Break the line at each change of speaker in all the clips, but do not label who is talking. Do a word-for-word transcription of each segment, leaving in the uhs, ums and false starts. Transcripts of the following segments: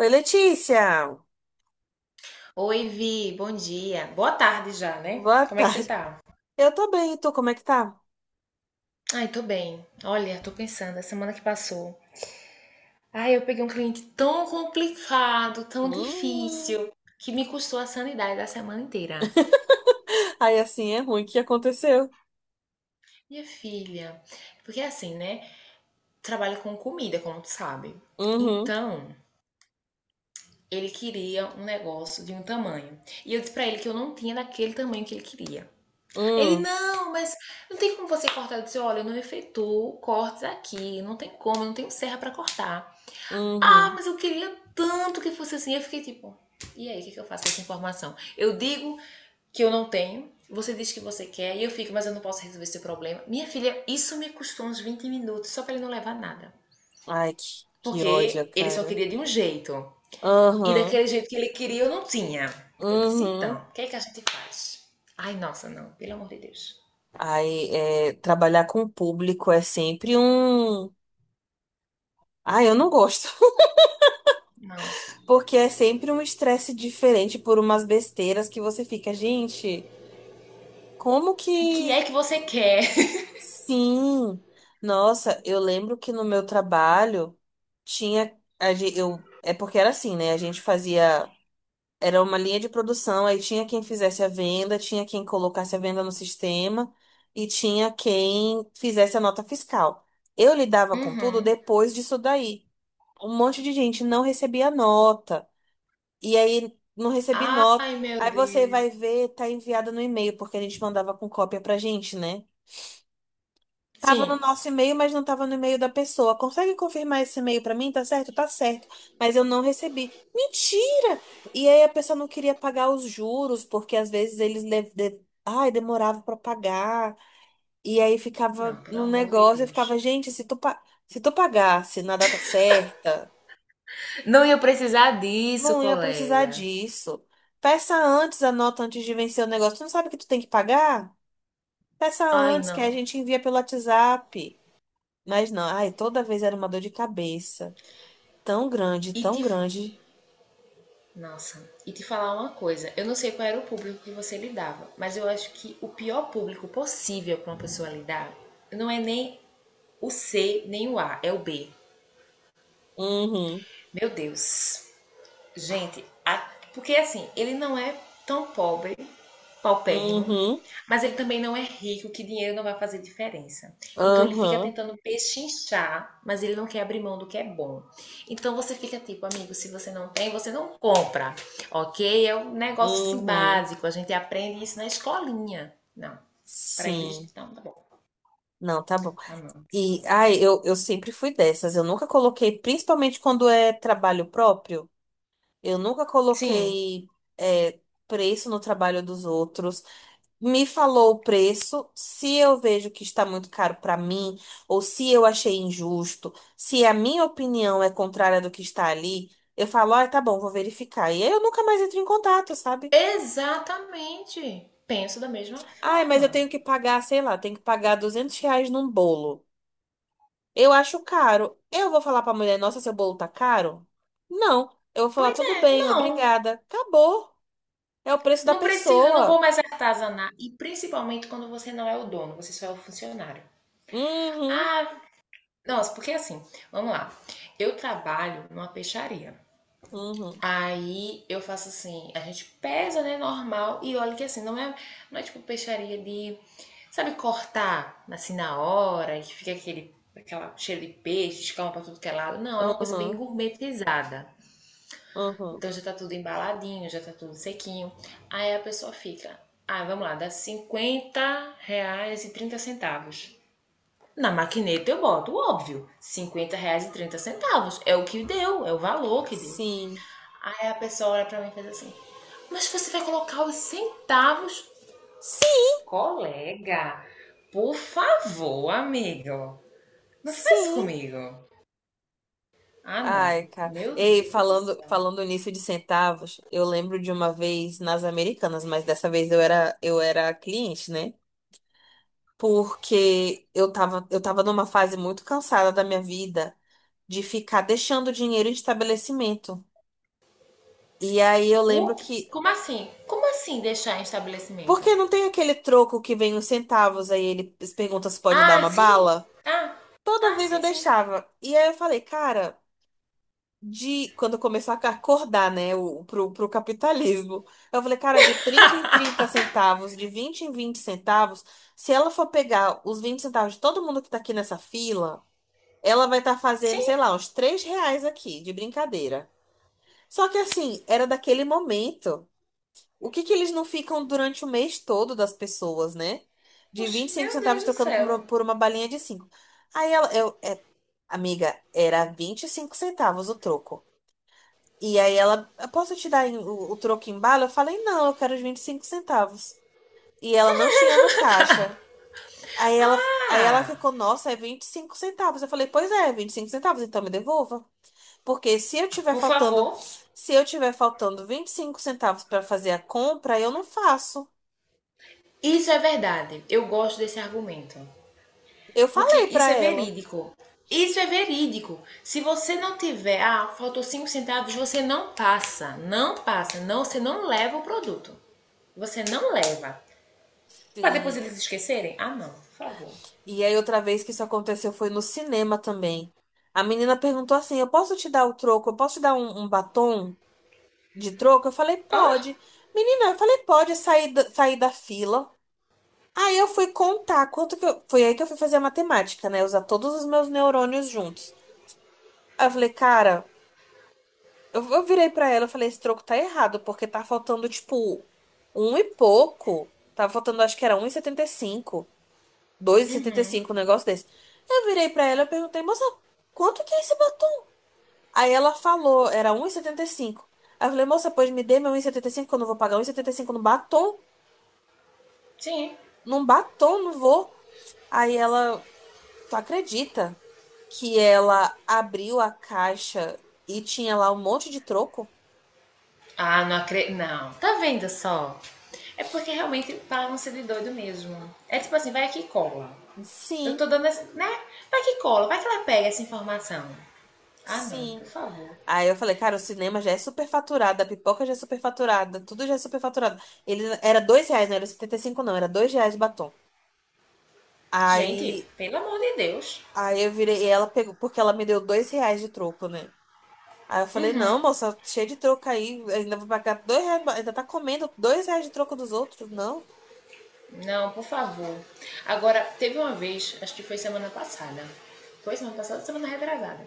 Oi, Letícia!
Oi, Vi, bom dia. Boa tarde já, né?
Boa
Como é que você
tarde.
tá?
Eu tô bem, e tu, como é que tá?
Ai, tô bem. Olha, tô pensando, a semana que passou. Ai, eu peguei um cliente tão complicado, tão
Hum.
difícil, que me custou a sanidade da semana inteira.
Aí assim é ruim, o que aconteceu?
Minha filha, porque assim, né? Trabalho com comida, como tu sabe.
Uhum,
Então, ele queria um negócio de um tamanho. E eu disse pra ele que eu não tinha daquele tamanho que ele queria. Ele,
uhum,
não, mas não tem como você cortar. Eu disse, olha, eu não efetuo cortes aqui, não tem como, eu não tenho serra pra cortar. Ah,
uhum.
mas eu queria tanto que fosse assim. Eu fiquei tipo, e aí, o que, que eu faço com essa informação? Eu digo que eu não tenho, você diz que você quer, e eu fico, mas eu não posso resolver seu problema. Minha filha, isso me custou uns vinte minutos só pra ele não levar nada.
Ai, que, que ódio,
Porque ele só
cara.
queria de um jeito. E
Aham,
daquele jeito que ele queria, eu não tinha. Eu disse,
uhum.
então, o que é que a gente faz? Ai, nossa, não, pelo amor de Deus.
Aí, é, trabalhar com o público é sempre um... Ai, eu não gosto.
Não,
Porque é sempre um estresse diferente por umas besteiras que você fica, gente, como
o que
que.
é que você quer?
Sim, nossa, eu lembro que no meu trabalho tinha a gen- eu é porque era assim, né? A gente fazia era uma linha de produção, aí tinha quem fizesse a venda, tinha quem colocasse a venda no sistema e tinha quem fizesse a nota fiscal. Eu lidava com tudo
Uhum.
depois disso daí. Um monte de gente não recebia nota e aí não recebi nota.
Ai, meu
Aí você
Deus.
vai ver, tá enviada no e-mail, porque a gente mandava com cópia pra gente, né? Tava no
Sim.
nosso e-mail, mas não tava no e-mail da pessoa. Consegue confirmar esse e-mail pra mim? Tá certo? Tá certo. Mas eu não recebi. Mentira! E aí a pessoa não queria pagar os juros, porque às vezes eles le- de- ai, demorava pra pagar. E aí
Não,
ficava
pelo
no
amor de
negócio, eu
Deus.
ficava, gente, se tu, pa... se tu pagasse na data certa,
Não ia precisar disso,
não ia precisar
colega.
disso. Peça antes a nota antes de vencer o negócio. Tu não sabe que tu tem que pagar? Peça
Ai,
antes, que a
não.
gente envia pelo WhatsApp. Mas não, ai, toda vez era uma dor de cabeça. Tão grande,
E
tão
te. fa-
grande.
Nossa, e te falar uma coisa. Eu não sei qual era o público que você lidava, mas eu acho que o pior público possível para uma pessoa lidar não é nem o cê, nem o A, é o bê.
Uhum,
Meu Deus. Gente, a- porque assim, ele não é tão pobre paupérrimo,
uhum,
mas ele também não é rico, que dinheiro não vai fazer diferença. Então ele fica
uhum,
tentando pechinchar, mas ele não quer abrir mão do que é bom. Então você fica tipo, amigo, se você não tem, você não compra, ok? É um negócio assim,
uhum.
básico, a gente aprende isso na escolinha. Não, para
Sim.
eles, não, tá bom.
Não, tá bom.
Ah, não.
E, ai, eu, eu sempre fui dessas. Eu nunca coloquei, principalmente quando é trabalho próprio, eu nunca
Sim,
coloquei, é, preço no trabalho dos outros. Me falou o preço, se eu vejo que está muito caro para mim, ou se eu achei injusto, se a minha opinião é contrária do que está ali, eu falo, ah, tá bom, vou verificar. E aí eu nunca mais entro em contato, sabe?
exatamente. Penso da mesma
Ah, mas eu
forma.
tenho que pagar, sei lá, tenho que pagar duzentos reais num bolo. Eu acho caro. Eu vou falar para a mulher, nossa, seu bolo tá caro? Não. Eu vou falar,
Pois
tudo
é,
bem,
não.
obrigada. Acabou. É o preço da
Não preciso, eu não vou
pessoa.
mais artesanar. E principalmente quando você não é o dono, você só é o funcionário.
Uhum,
Ah, nossa, porque assim, vamos lá. Eu trabalho numa peixaria.
uhum,
Aí eu faço assim, a gente pesa, né, normal, e olha que assim, não é, não é tipo peixaria de, sabe, cortar assim na hora, e que fica aquele aquela cheiro de peixe, escama pra tudo que é lado. Não, é uma coisa bem
uhum,
gourmetizada.
uhum.
Então já tá tudo embaladinho, já tá tudo sequinho. Aí a pessoa fica, ah, vamos lá, dá cinquenta reais e trinta centavos. Na maquineta eu boto, óbvio, cinquenta reais e trinta centavos. É o que deu, é o valor que deu.
Sim.
Aí a pessoa olha pra mim e faz assim, mas você vai colocar os centavos?
Sim.
Colega, por favor, amigo, não faz isso
Sim.
comigo. Ah, não.
Ai, cara.
Meu
Ei,
Deus do
falando,
céu.
falando nisso de centavos, eu lembro de uma vez nas Americanas, mas dessa vez eu era, eu era cliente, né? Porque eu tava, eu tava numa fase muito cansada da minha vida de ficar deixando dinheiro em estabelecimento. E aí eu
O-
lembro que.
Como assim? Como assim deixar em estabelecimento?
Porque não tem aquele troco que vem os centavos, aí ele pergunta se pode dar
Ah,
uma
sim.
bala?
Ah,
Toda
ah,
vez eu
sim, sim.
deixava. E aí eu falei, cara, de quando começou a acordar, né, o, pro, pro capitalismo. Eu falei, cara, de trinta em trinta centavos, de vinte em vinte centavos, se ela for pegar os vinte centavos de todo mundo que tá aqui nessa fila, ela vai estar fazendo,
Sim.
sei lá, uns três reais aqui, de brincadeira. Só que assim, era daquele momento. O que que eles não ficam durante o mês todo das pessoas, né? De vinte
Oxe,
e cinco
meu
centavos
Deus do
trocando por
céu.
uma, por uma balinha de cinco. Aí ela, eu, é, amiga, era vinte e cinco centavos o troco. E aí ela, "Eu posso te dar em- o, o troco em bala?" Eu falei, não, eu quero os vinte e cinco centavos. E ela não tinha no caixa. Aí ela, aí ela
Ah,
ficou, nossa, é vinte e cinco centavos. Eu falei, pois é, vinte e cinco centavos, então me devolva. Porque se eu tiver
por
faltando,
favor,
se eu tiver faltando vinte e cinco centavos para fazer a compra, eu não faço.
isso é verdade. Eu gosto desse argumento.
Eu
Porque
falei para
isso é
ela.
verídico. Isso é verídico. Se você não tiver, ah, faltou cinco centavos, você não passa. Não passa. Não, você não leva o produto. Você não leva. Para depois
Sim.
eles esquecerem? Ah, não, por favor.
E aí outra vez que isso aconteceu foi no cinema também. A menina perguntou assim: "Eu posso te dar o troco? Eu posso te dar um um batom?" de troco? Eu falei,
Ah,
pode. Menina, eu falei, pode sair da, sair da fila. Aí eu fui contar quanto que eu, foi aí que eu fui fazer a matemática, né? Usar todos os meus neurônios juntos. Aí eu falei, cara, eu, eu virei pra ela, eu falei, esse troco tá errado, porque tá faltando, tipo, um e pouco. Tava faltando, acho que era um e e e setenta setenta cinco, dois e setenta e cinco, um negócio desse. Eu virei pra ela, eu perguntei, moça, quanto que é esse batom? Aí ela falou, era um 1,75. Aí eu falei, moça, pois me dê meu um e e setenta e cinco, que eu não vou pagar um e e setenta e cinco no batom.
sim.
Num batom, não vou. Aí ela, tu acredita que ela abriu a caixa e tinha lá um monte de troco?
Ah, não acredito. Não. Tá vendo só? É porque realmente pagam ser de doido mesmo. É tipo assim, vai aqui e cola. Eu
Sim,
tô dando essa. Né? Vai que cola, vai que ela pega essa informação. Ah, não, por
sim.
favor.
Aí eu falei, cara, o cinema já é superfaturado, a pipoca já é superfaturada, tudo já é superfaturado. Ele era dois reais, não era setenta e cinco? Não, era dois reais o batom.
Gente,
Aí,
pelo amor de Deus.
aí eu virei, e ela pegou, porque ela me deu dois reais de troco, né? Aí eu falei,
Uhum.
não, moça, cheio de troco aí, ainda vou pagar dois reais, ainda tá comendo dois reais de troco dos outros, não?
Não, por favor. Agora, teve uma vez, acho que foi semana passada. Foi semana passada, semana retrasada.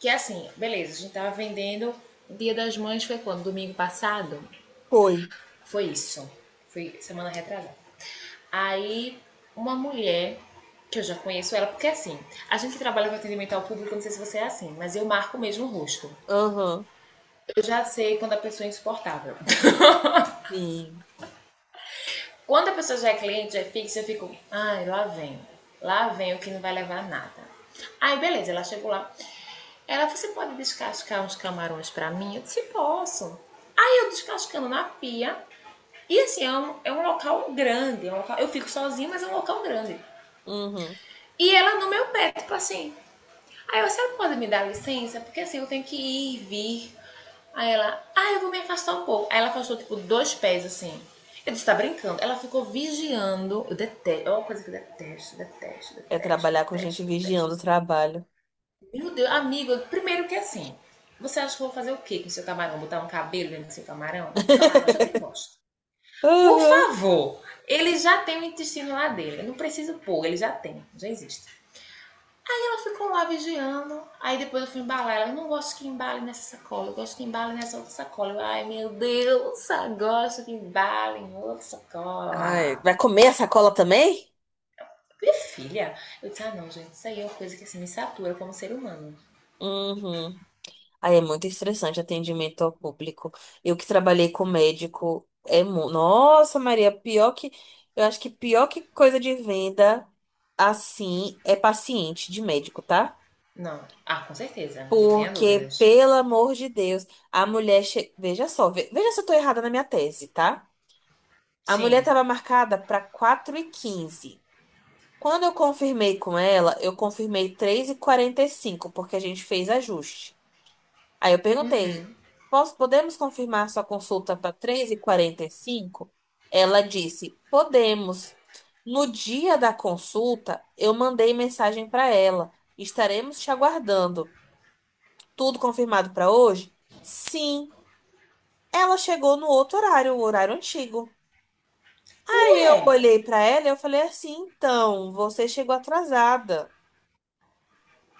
Que é assim, beleza, a gente tava vendendo. O Dia das Mães foi quando? Domingo passado?
Foi.
Foi isso. Foi semana retrasada. Aí, uma mulher que eu já conheço ela, porque assim, a gente que trabalha com atendimento ao público, não sei se você é assim, mas eu marco mesmo o rosto.
Aham,
Eu já sei quando a pessoa é insuportável.
sim.
Quando a pessoa já é cliente, já é fixa, eu fico, ai, lá vem. Lá vem o que não vai levar nada. Aí, beleza, ela chegou lá. Ela, você pode descascar uns camarões pra mim? Eu disse, posso. Aí eu descascando na pia. E assim, é um, é um local grande. É um local- eu fico sozinha, mas é um local grande.
Uhum.
E ela no meu pé, tipo assim, Aí eu, a pode me dar licença? Porque assim, eu tenho que ir e vir. Aí ela, ah, eu vou me afastar um pouco. Aí ela afastou, tipo, dois pés, assim. Eu disse, tá brincando? Ela ficou vigiando. Eu detesto, é uma coisa que eu detesto, detesto,
É
detesto,
trabalhar com gente
detesto, detesto.
vigiando o trabalho.
Meu Deus, amigo, primeiro que assim, você acha que eu vou fazer o quê com o seu camarão? Botar um cabelo dentro do seu camarão? O camarão já tem bosta. Por
Uhum.
favor, ele já tem o intestino lá dele. Eu não preciso pôr, ele já tem, já existe. Ela ficou lá vigiando. Aí depois eu fui embalar. Ela, eu não gosto que embale nessa sacola. Eu gosto que embale nessa outra sacola. Eu, ai, meu Deus, agora isso que embale em outra
Ai,
sacola.
vai comer a sacola também?
Minha filha. Eu disse, ah, não, gente, isso aí é uma coisa que assim, me satura como ser humano.
Uhum. Aí é muito estressante atendimento ao público. Eu que trabalhei com médico, é mu... Nossa, Maria, pior que. Eu acho que pior que coisa de venda assim é paciente de médico, tá?
Não. Ah, com certeza. Não tenha
Porque,
dúvidas.
pelo amor de Deus, a mulher. Che... Veja só, ve- veja se eu tô errada na minha tese, tá? A mulher
Sim.
estava marcada para quatro e quinze. Quando eu confirmei com ela, eu confirmei três e quarenta e cinco, porque a gente fez ajuste. Aí eu perguntei:
Uhum.
"Posso- podemos confirmar sua consulta para três e quarenta e cinco?" Ela disse: podemos. No dia da consulta, eu mandei mensagem para ela: estaremos te aguardando. Tudo confirmado para hoje? Sim. Ela chegou no outro horário, o horário antigo. Aí eu
Ué.
olhei pra ela e eu falei assim, então, você chegou atrasada.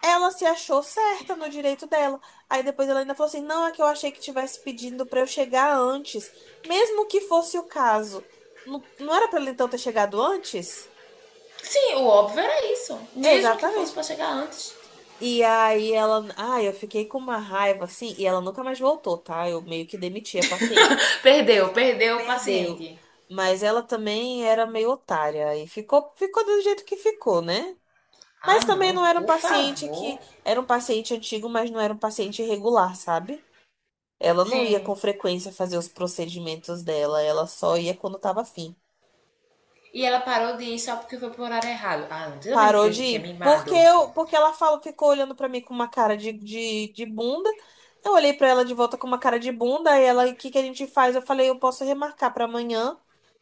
Ela se achou certa no direito dela. Aí depois ela ainda falou assim, não, é que eu achei que tivesse pedindo pra eu chegar antes, mesmo que fosse o caso. Não, não era pra ela então ter chegado antes?
Sim, o óbvio era isso. Mesmo que fosse
Exatamente.
pra chegar antes.
E aí ela, ai, eu fiquei com uma raiva assim, e ela nunca mais voltou, tá? Eu meio que demiti a paciente.
Perdeu,
E
perdeu o paciente.
perdeu. Mas ela também era meio otária e ficou, ficou do jeito que ficou, né?
Ah,
Mas também
não.
não era um
Por
paciente
favor.
que era um paciente antigo, mas não era um paciente regular, sabe? Ela não ia
Sim.
com frequência fazer os procedimentos dela, ela só ia quando tava afim.
E ela parou de ir só porque foi pro horário errado. Ah, não. Você tá vendo que
Parou
tem
de
gente que é
ir. Porque
mimado?
eu, porque ela falou, ficou olhando pra mim com uma cara de, de, de bunda. Eu olhei pra ela de volta com uma cara de bunda, aí ela, o que que a gente faz? Eu falei, eu posso remarcar pra amanhã,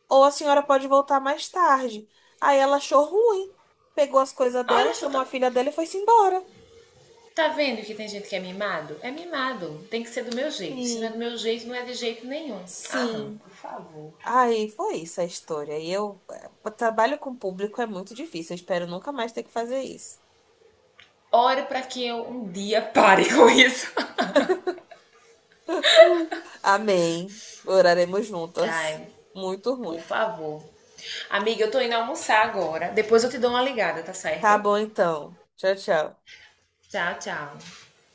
ou a senhora pode voltar mais tarde. Aí ela achou ruim. Pegou as coisas dela,
Olha só,
chamou
tá,
a filha dela e foi-se embora.
tá vendo que tem gente que é mimado? É mimado. Tem que ser do meu jeito. Se não é
Sim,
do meu jeito, não é de jeito nenhum. Ah, não.
sim.
Por favor.
Aí foi isso a história. E eu, eh, trabalho com público é muito difícil. Eu espero nunca mais ter que fazer isso.
Ore pra que eu um dia pare com isso.
Amém. Oraremos juntas.
Ai,
Muito
por
ruim.
favor. Amiga, eu tô indo almoçar agora. Depois eu te dou uma ligada, tá
Tá
certo?
bom então. Tchau, tchau.
Tchau, tchau.